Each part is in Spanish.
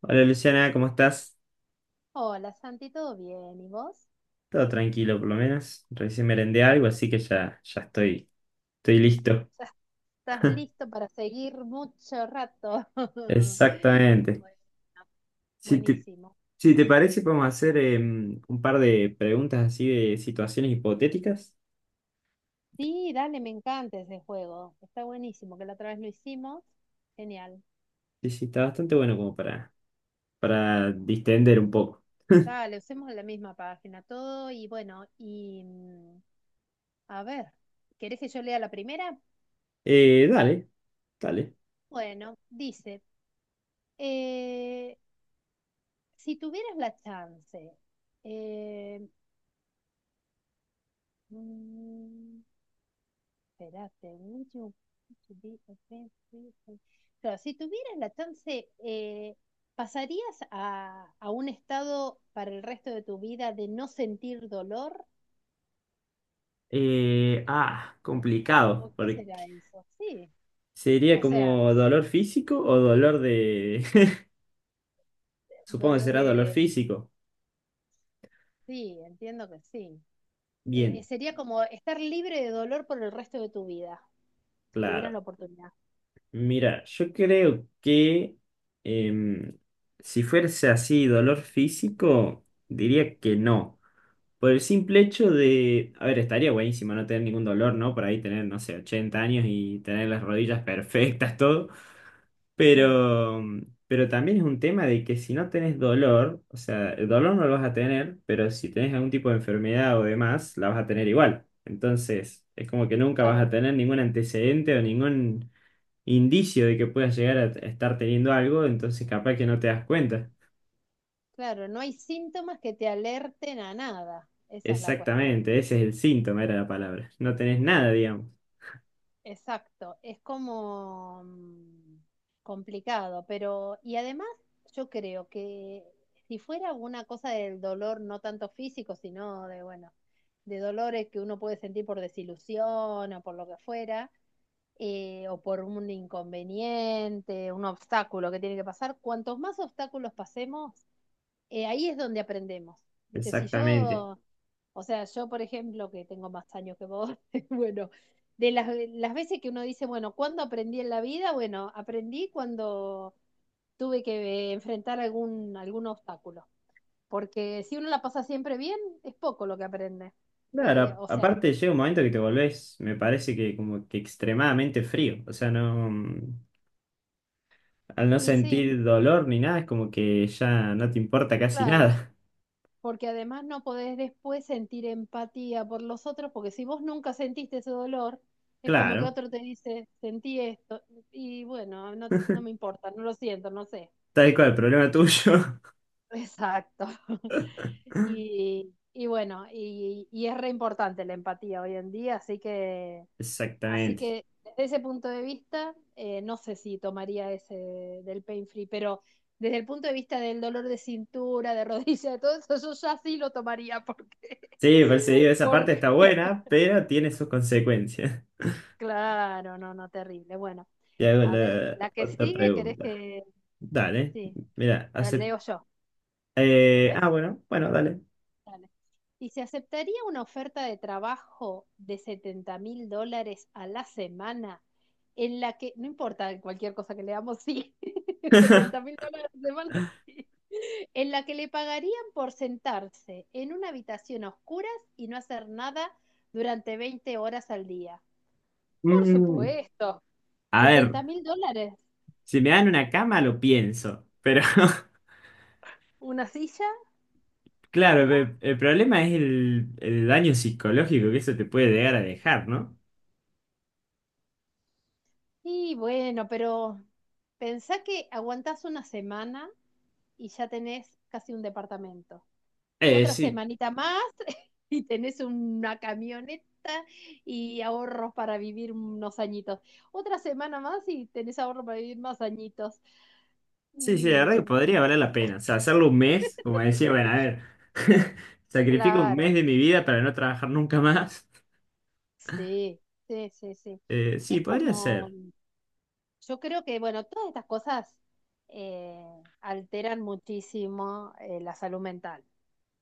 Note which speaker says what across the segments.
Speaker 1: Hola Luciana, ¿cómo estás?
Speaker 2: Hola Santi, ¿todo bien? ¿Y vos?
Speaker 1: Todo tranquilo por lo menos. Recién merendé algo,
Speaker 2: Ah,
Speaker 1: así que ya, ya estoy listo.
Speaker 2: ¿ya estás listo para seguir mucho rato?
Speaker 1: Exactamente.
Speaker 2: Bueno.
Speaker 1: Si te,
Speaker 2: Buenísimo.
Speaker 1: si te parece, podemos hacer un par de preguntas así de situaciones hipotéticas.
Speaker 2: Sí, dale, me encanta ese juego. Está buenísimo, que la otra vez lo hicimos. Genial.
Speaker 1: Sí sí, está bastante bueno como para distender un poco.
Speaker 2: Dale, usemos la misma página, todo y bueno, y a ver, ¿querés que yo lea la primera?
Speaker 1: Dale, dale.
Speaker 2: Bueno, dice, eh, si tuvieras la chance, eh, mm, espérate, would you want to be a friend with. Claro, si tuvieras la chance, ¿pasarías a un estado para el resto de tu vida de no sentir dolor? ¿O
Speaker 1: Complicado,
Speaker 2: qué
Speaker 1: porque
Speaker 2: será eso? Sí,
Speaker 1: sería como dolor físico o dolor de... Supongo que será dolor
Speaker 2: dolores,
Speaker 1: físico.
Speaker 2: sí, entiendo que sí.
Speaker 1: Bien,
Speaker 2: Sería como estar libre de dolor por el resto de tu vida, si tuvieras
Speaker 1: claro.
Speaker 2: la oportunidad.
Speaker 1: Mira, yo creo que em, si fuese así dolor físico, diría que no. Por el simple hecho de, a ver, estaría buenísimo no tener ningún dolor, ¿no? Por ahí tener, no sé, 80 años y tener las rodillas perfectas, todo.
Speaker 2: Sí,
Speaker 1: Pero, pero también es un tema de que si no tenés dolor, o sea, el dolor no lo vas a tener, pero si tenés algún tipo de enfermedad o demás, la vas a tener igual. Entonces, es como que nunca vas a
Speaker 2: claro,
Speaker 1: tener ningún antecedente o ningún indicio de que puedas llegar a estar teniendo algo, entonces capaz que no te das cuenta.
Speaker 2: claro, no hay síntomas que te alerten a nada, esa es la cuestión.
Speaker 1: Exactamente, ese es el síntoma, era la palabra. No tenés nada, digamos.
Speaker 2: Exacto, es como complicado, pero y además yo creo que si fuera una cosa del dolor, no tanto físico, sino de, bueno, de dolores que uno puede sentir por desilusión o por lo que fuera, o por un inconveniente, un obstáculo que tiene que pasar. Cuantos más obstáculos pasemos, ahí es donde aprendemos. Viste, si
Speaker 1: Exactamente.
Speaker 2: yo, o sea, yo por ejemplo, que tengo más años que vos, bueno, de las veces que uno dice, bueno, ¿cuándo aprendí en la vida? Bueno, aprendí cuando tuve que enfrentar algún obstáculo. Porque si uno la pasa siempre bien, es poco lo que aprende.
Speaker 1: Claro,
Speaker 2: O sea,
Speaker 1: aparte llega un momento que te volvés, me parece que como que extremadamente frío. O sea, no. Al no
Speaker 2: y sí,
Speaker 1: sentir dolor ni nada, es como que ya no te importa casi
Speaker 2: claro,
Speaker 1: nada.
Speaker 2: porque además no podés después sentir empatía por los otros, porque si vos nunca sentiste ese dolor, es como que
Speaker 1: Claro,
Speaker 2: otro te dice, sentí esto, y bueno, no, no me importa, no lo siento, no sé.
Speaker 1: tal cual, problema tuyo.
Speaker 2: Exacto. Y bueno, y es re importante la empatía hoy en día, así que... Así
Speaker 1: Exactamente.
Speaker 2: que desde ese punto de vista, no sé si tomaría ese del pain free, pero desde el punto de vista del dolor de cintura, de rodilla, de todo eso, yo ya sí lo tomaría porque...
Speaker 1: Sí, por eso digo, esa parte está
Speaker 2: Porque
Speaker 1: buena, pero tiene sus consecuencias.
Speaker 2: claro, no, no, terrible. Bueno,
Speaker 1: Y hago
Speaker 2: a ver,
Speaker 1: la
Speaker 2: la que
Speaker 1: otra
Speaker 2: sigue, ¿querés
Speaker 1: pregunta.
Speaker 2: que...?
Speaker 1: Dale,
Speaker 2: Sí,
Speaker 1: mira,
Speaker 2: la
Speaker 1: hace...
Speaker 2: leo yo, ¿querés?
Speaker 1: bueno, bueno, dale.
Speaker 2: Dale. Y se aceptaría una oferta de trabajo de $70.000 a la semana, en la que, no importa cualquier cosa que le damos, sí, setenta mil dólares a la semana, sí, en la que le pagarían por sentarse en una habitación a oscuras y no hacer nada durante 20 horas al día. Por
Speaker 1: Mm,
Speaker 2: supuesto,
Speaker 1: a
Speaker 2: setenta
Speaker 1: ver,
Speaker 2: mil dólares,
Speaker 1: si me dan una cama lo pienso, pero
Speaker 2: una silla,
Speaker 1: claro,
Speaker 2: no.
Speaker 1: el problema es el daño psicológico que eso te puede llegar a dejar, ¿no?
Speaker 2: Y bueno, pero pensá que aguantás una semana y ya tenés casi un departamento. Otra
Speaker 1: Sí,
Speaker 2: semanita más y tenés una camioneta y ahorros para vivir unos añitos. Otra semana más y tenés ahorros para vivir más añitos.
Speaker 1: sí, sí, la verdad que
Speaker 2: Mm,
Speaker 1: podría valer la pena. O sea, hacerlo un mes, como decía, bueno, a ver, sacrifico un
Speaker 2: claro,
Speaker 1: mes de mi vida para no trabajar nunca más.
Speaker 2: sí, sí, sí, sí.
Speaker 1: Sí,
Speaker 2: Es
Speaker 1: podría
Speaker 2: como,
Speaker 1: ser.
Speaker 2: yo creo que, bueno, todas estas cosas alteran muchísimo, la salud mental,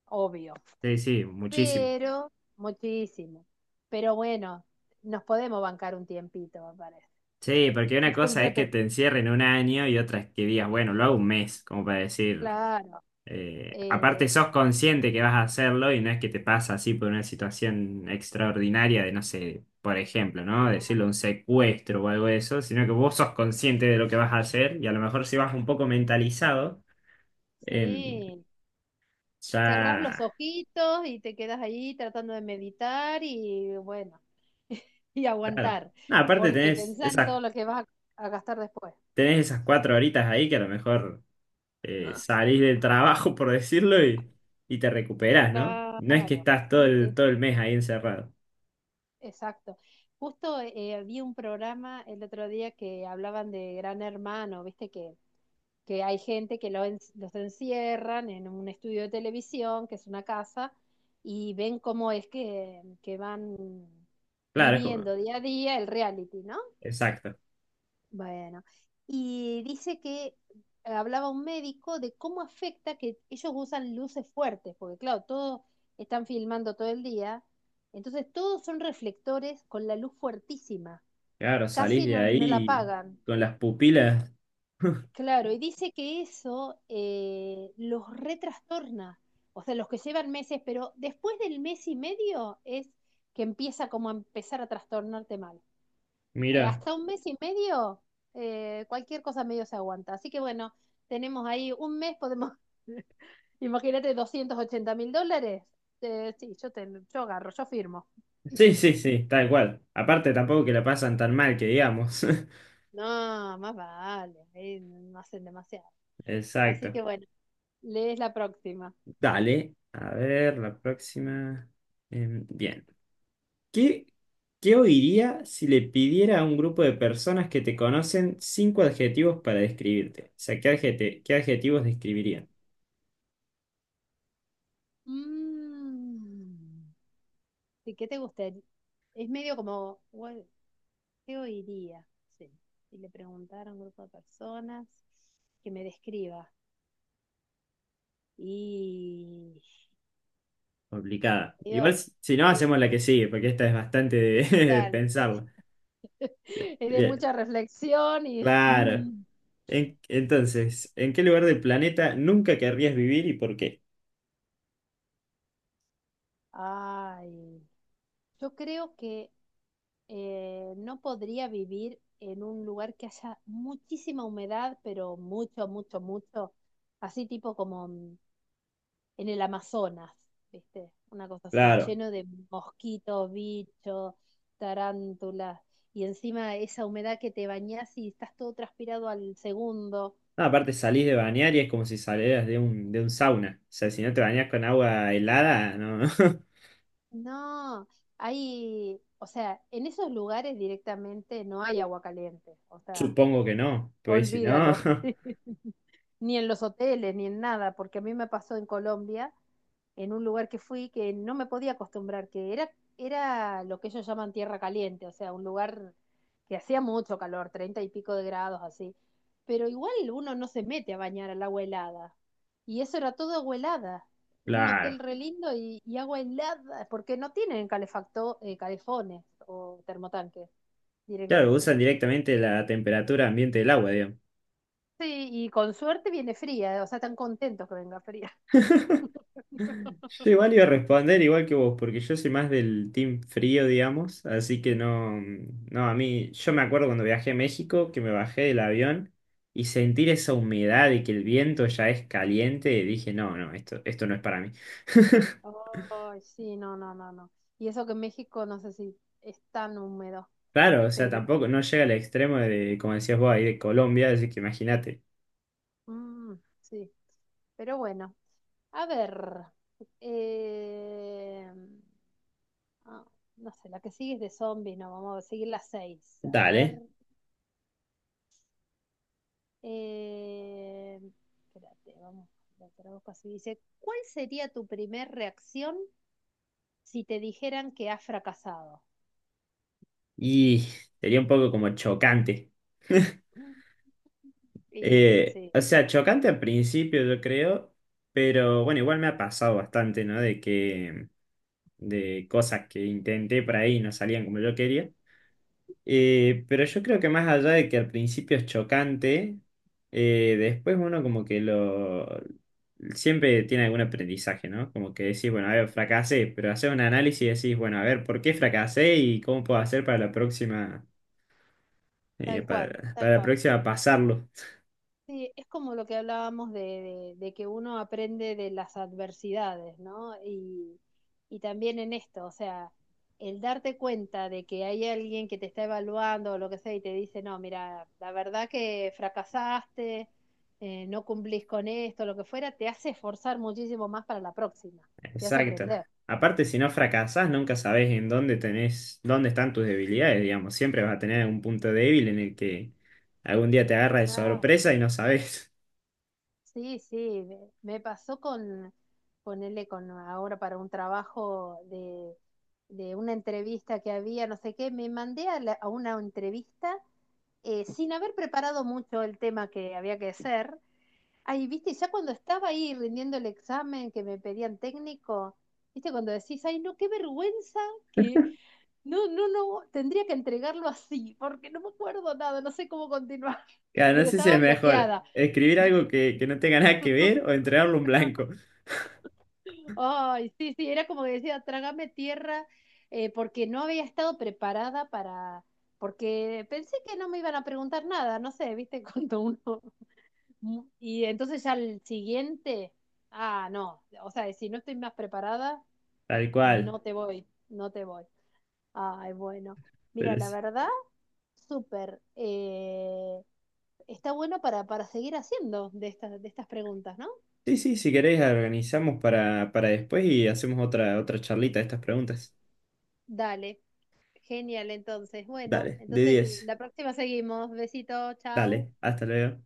Speaker 2: obvio.
Speaker 1: Sí, sí, muchísimo.
Speaker 2: Pero muchísimo. Pero bueno, nos podemos bancar un tiempito, me parece.
Speaker 1: Sí, porque una
Speaker 2: Como
Speaker 1: cosa
Speaker 2: se
Speaker 1: es que
Speaker 2: te-
Speaker 1: te encierren un año y otra es que digas, bueno, lo hago un mes, como para decir,
Speaker 2: Claro. Eh,
Speaker 1: aparte sos consciente que vas a hacerlo y no es que te pasa así por una situación extraordinaria de, no sé, por ejemplo, ¿no?
Speaker 2: Nada,
Speaker 1: Decirlo un secuestro o algo de eso, sino que vos sos consciente de lo que vas a hacer y a lo mejor si vas un poco mentalizado. Em,
Speaker 2: sí. Cerrás
Speaker 1: ya,
Speaker 2: los ojitos y te quedas ahí tratando de meditar y bueno, y
Speaker 1: claro.
Speaker 2: aguantar,
Speaker 1: No, aparte
Speaker 2: porque
Speaker 1: tenés
Speaker 2: pensá en
Speaker 1: esas,
Speaker 2: todo lo que vas a gastar después.
Speaker 1: tenés esas 4 horitas ahí que a lo mejor salís del trabajo, por decirlo, y, te recuperás, ¿no? No es que
Speaker 2: Claro,
Speaker 1: estás todo
Speaker 2: sí,
Speaker 1: el,
Speaker 2: sí,
Speaker 1: todo el mes ahí encerrado.
Speaker 2: exacto. Justo vi un programa el otro día que hablaban de Gran Hermano, viste que hay gente que los encierran en un estudio de televisión, que es una casa, y ven cómo es que van
Speaker 1: Claro, es como,
Speaker 2: viviendo día a día el reality, ¿no?
Speaker 1: exacto.
Speaker 2: Bueno, y dice que hablaba un médico de cómo afecta que ellos usan luces fuertes, porque claro, todos están filmando todo el día, entonces todos son reflectores con la luz fuertísima,
Speaker 1: Claro, salís
Speaker 2: casi
Speaker 1: de
Speaker 2: no, no la
Speaker 1: ahí
Speaker 2: apagan.
Speaker 1: con las pupilas.
Speaker 2: Claro, y dice que eso los retrastorna, o sea, los que llevan meses, pero después del mes y medio es que empieza como a empezar a trastornarte mal.
Speaker 1: Mira.
Speaker 2: Hasta un mes y medio, cualquier cosa medio se aguanta. Así que bueno, tenemos ahí un mes, podemos, imagínate, $280.000. Sí, yo agarro, yo firmo.
Speaker 1: Sí, sí, sí, tal cual. Aparte tampoco que la pasan tan mal que digamos.
Speaker 2: No, más vale, no hacen demasiado. Así
Speaker 1: Exacto.
Speaker 2: que bueno, lees la próxima.
Speaker 1: Dale. A ver, la próxima. Bien. ¿Qué, qué oiría si le pidiera a un grupo de personas que te conocen cinco adjetivos para describirte? O sea, ¿qué qué adjetivos describirían?
Speaker 2: Mm. ¿Y qué te gustaría? Es medio como: "Bueno, ¿qué oiría?". Sí. Y le preguntaron a un grupo de personas que me describa. Y
Speaker 1: Complicada.
Speaker 2: yo,
Speaker 1: Igual si no,
Speaker 2: sí,
Speaker 1: hacemos la que sigue, porque esta es bastante de, de
Speaker 2: dale.
Speaker 1: pensarla.
Speaker 2: Es de
Speaker 1: Bien,
Speaker 2: mucha reflexión y...
Speaker 1: claro.
Speaker 2: mm.
Speaker 1: Entonces, ¿en qué lugar del planeta nunca querrías vivir y por qué?
Speaker 2: Ay, yo creo que no podría vivir en un lugar que haya muchísima humedad, pero mucho, mucho, mucho, así tipo como en el Amazonas, ¿viste? Una cosa así,
Speaker 1: Claro.
Speaker 2: lleno de mosquitos, bichos, tarántulas, y encima esa humedad que te bañás y estás todo transpirado al segundo.
Speaker 1: No, aparte salís de bañar y es como si salieras de un sauna. O sea, si no te bañas con agua helada, no.
Speaker 2: No, hay, o sea, en esos lugares directamente no hay agua caliente, o sea...
Speaker 1: Supongo que no, pues si no.
Speaker 2: Olvídalo. Ni en los hoteles, ni en nada, porque a mí me pasó en Colombia, en un lugar que fui que no me podía acostumbrar, que era lo que ellos llaman tierra caliente, o sea, un lugar que hacía mucho calor, 30 y pico de grados así, pero igual uno no se mete a bañar al agua helada. Y eso era todo agua helada, en un
Speaker 1: Claro.
Speaker 2: hotel re lindo y agua helada, porque no tienen calefacto, calefones o termotanques
Speaker 1: Claro,
Speaker 2: directamente.
Speaker 1: usan directamente la temperatura ambiente del agua, digamos.
Speaker 2: Sí, y con suerte viene fría, o sea, están contentos que venga fría.
Speaker 1: Yo igual iba a responder igual que vos, porque yo soy más del team frío, digamos, así que no, no, a mí, yo me acuerdo cuando viajé a México, que me bajé del avión y sentir esa humedad y que el viento ya es caliente, dije, no, no, esto no es para mí.
Speaker 2: Ay, sí, no, no, no, no. Y eso que México no sé si es tan húmedo,
Speaker 1: Claro, o sea,
Speaker 2: pero
Speaker 1: tampoco, no llega al extremo de, como decías vos, ahí de Colombia, así que imagínate.
Speaker 2: mm, sí, pero bueno. A ver, eh, ah, no sé, la que sigue es de zombies, no, vamos a seguir las seis. A ver,
Speaker 1: Dale.
Speaker 2: eh, espérate, vamos, lo traduzco así. Dice, ¿cuál sería tu primer reacción si te dijeran que has fracasado?
Speaker 1: Y sería un poco como chocante.
Speaker 2: Y sí,
Speaker 1: O sea, chocante al principio, yo creo, pero bueno, igual me ha pasado bastante, ¿no? De cosas que intenté por ahí y no salían como yo quería. Pero yo creo que más allá de que al principio es chocante, después uno como que lo... Siempre tiene algún aprendizaje, ¿no? Como que decís, bueno, a ver, fracasé, pero haces un análisis y decís, bueno, a ver, ¿por qué fracasé y cómo puedo hacer para la próxima,
Speaker 2: tal cual,
Speaker 1: para,
Speaker 2: tal
Speaker 1: para la
Speaker 2: cual.
Speaker 1: próxima pasarlo?
Speaker 2: Sí, es como lo que hablábamos de, de que uno aprende de las adversidades, ¿no? Y también en esto, o sea, el darte cuenta de que hay alguien que te está evaluando o lo que sea y te dice, no, mira, la verdad que fracasaste, no cumplís con esto, lo que fuera, te hace esforzar muchísimo más para la próxima, te hace
Speaker 1: Exacto.
Speaker 2: aprender.
Speaker 1: Aparte, si no fracasás, nunca sabés en dónde tenés, dónde están tus debilidades, digamos. Siempre vas a tener algún punto débil en el que algún día te agarra de
Speaker 2: Ah,
Speaker 1: sorpresa y no sabés.
Speaker 2: sí, sí, me pasó con ponerle con ahora para un trabajo de, una entrevista que había, no sé qué, me mandé a una entrevista sin haber preparado mucho el tema que había que hacer. Ahí, viste, ya cuando estaba ahí rindiendo el examen que me pedían técnico, viste, cuando decís, ay, no, qué vergüenza que no, no, no, tendría que entregarlo así, porque no me acuerdo nada, no sé cómo continuar,
Speaker 1: Claro, no
Speaker 2: pero
Speaker 1: sé si
Speaker 2: estaba
Speaker 1: es mejor
Speaker 2: bloqueada.
Speaker 1: escribir algo que no tenga nada que ver o entregarlo un blanco.
Speaker 2: Ay, sí, sí, era como que decía, trágame tierra, porque no había estado preparada para, porque pensé que no me iban a preguntar nada, no sé, viste, cuando uno, y entonces ya el siguiente, ah, no, o sea, si no estoy más preparada,
Speaker 1: Tal cual.
Speaker 2: no te voy, no te voy. Ay, bueno, mira,
Speaker 1: Pero
Speaker 2: la
Speaker 1: sí,
Speaker 2: verdad, súper, está bueno para, seguir haciendo de estas, preguntas, ¿no?
Speaker 1: sí, sí, si querés, organizamos para después y hacemos otra charlita de estas preguntas.
Speaker 2: Dale. Genial, entonces. Bueno,
Speaker 1: Dale, de
Speaker 2: entonces
Speaker 1: 10.
Speaker 2: la próxima seguimos. Besito, chau.
Speaker 1: Dale, hasta luego.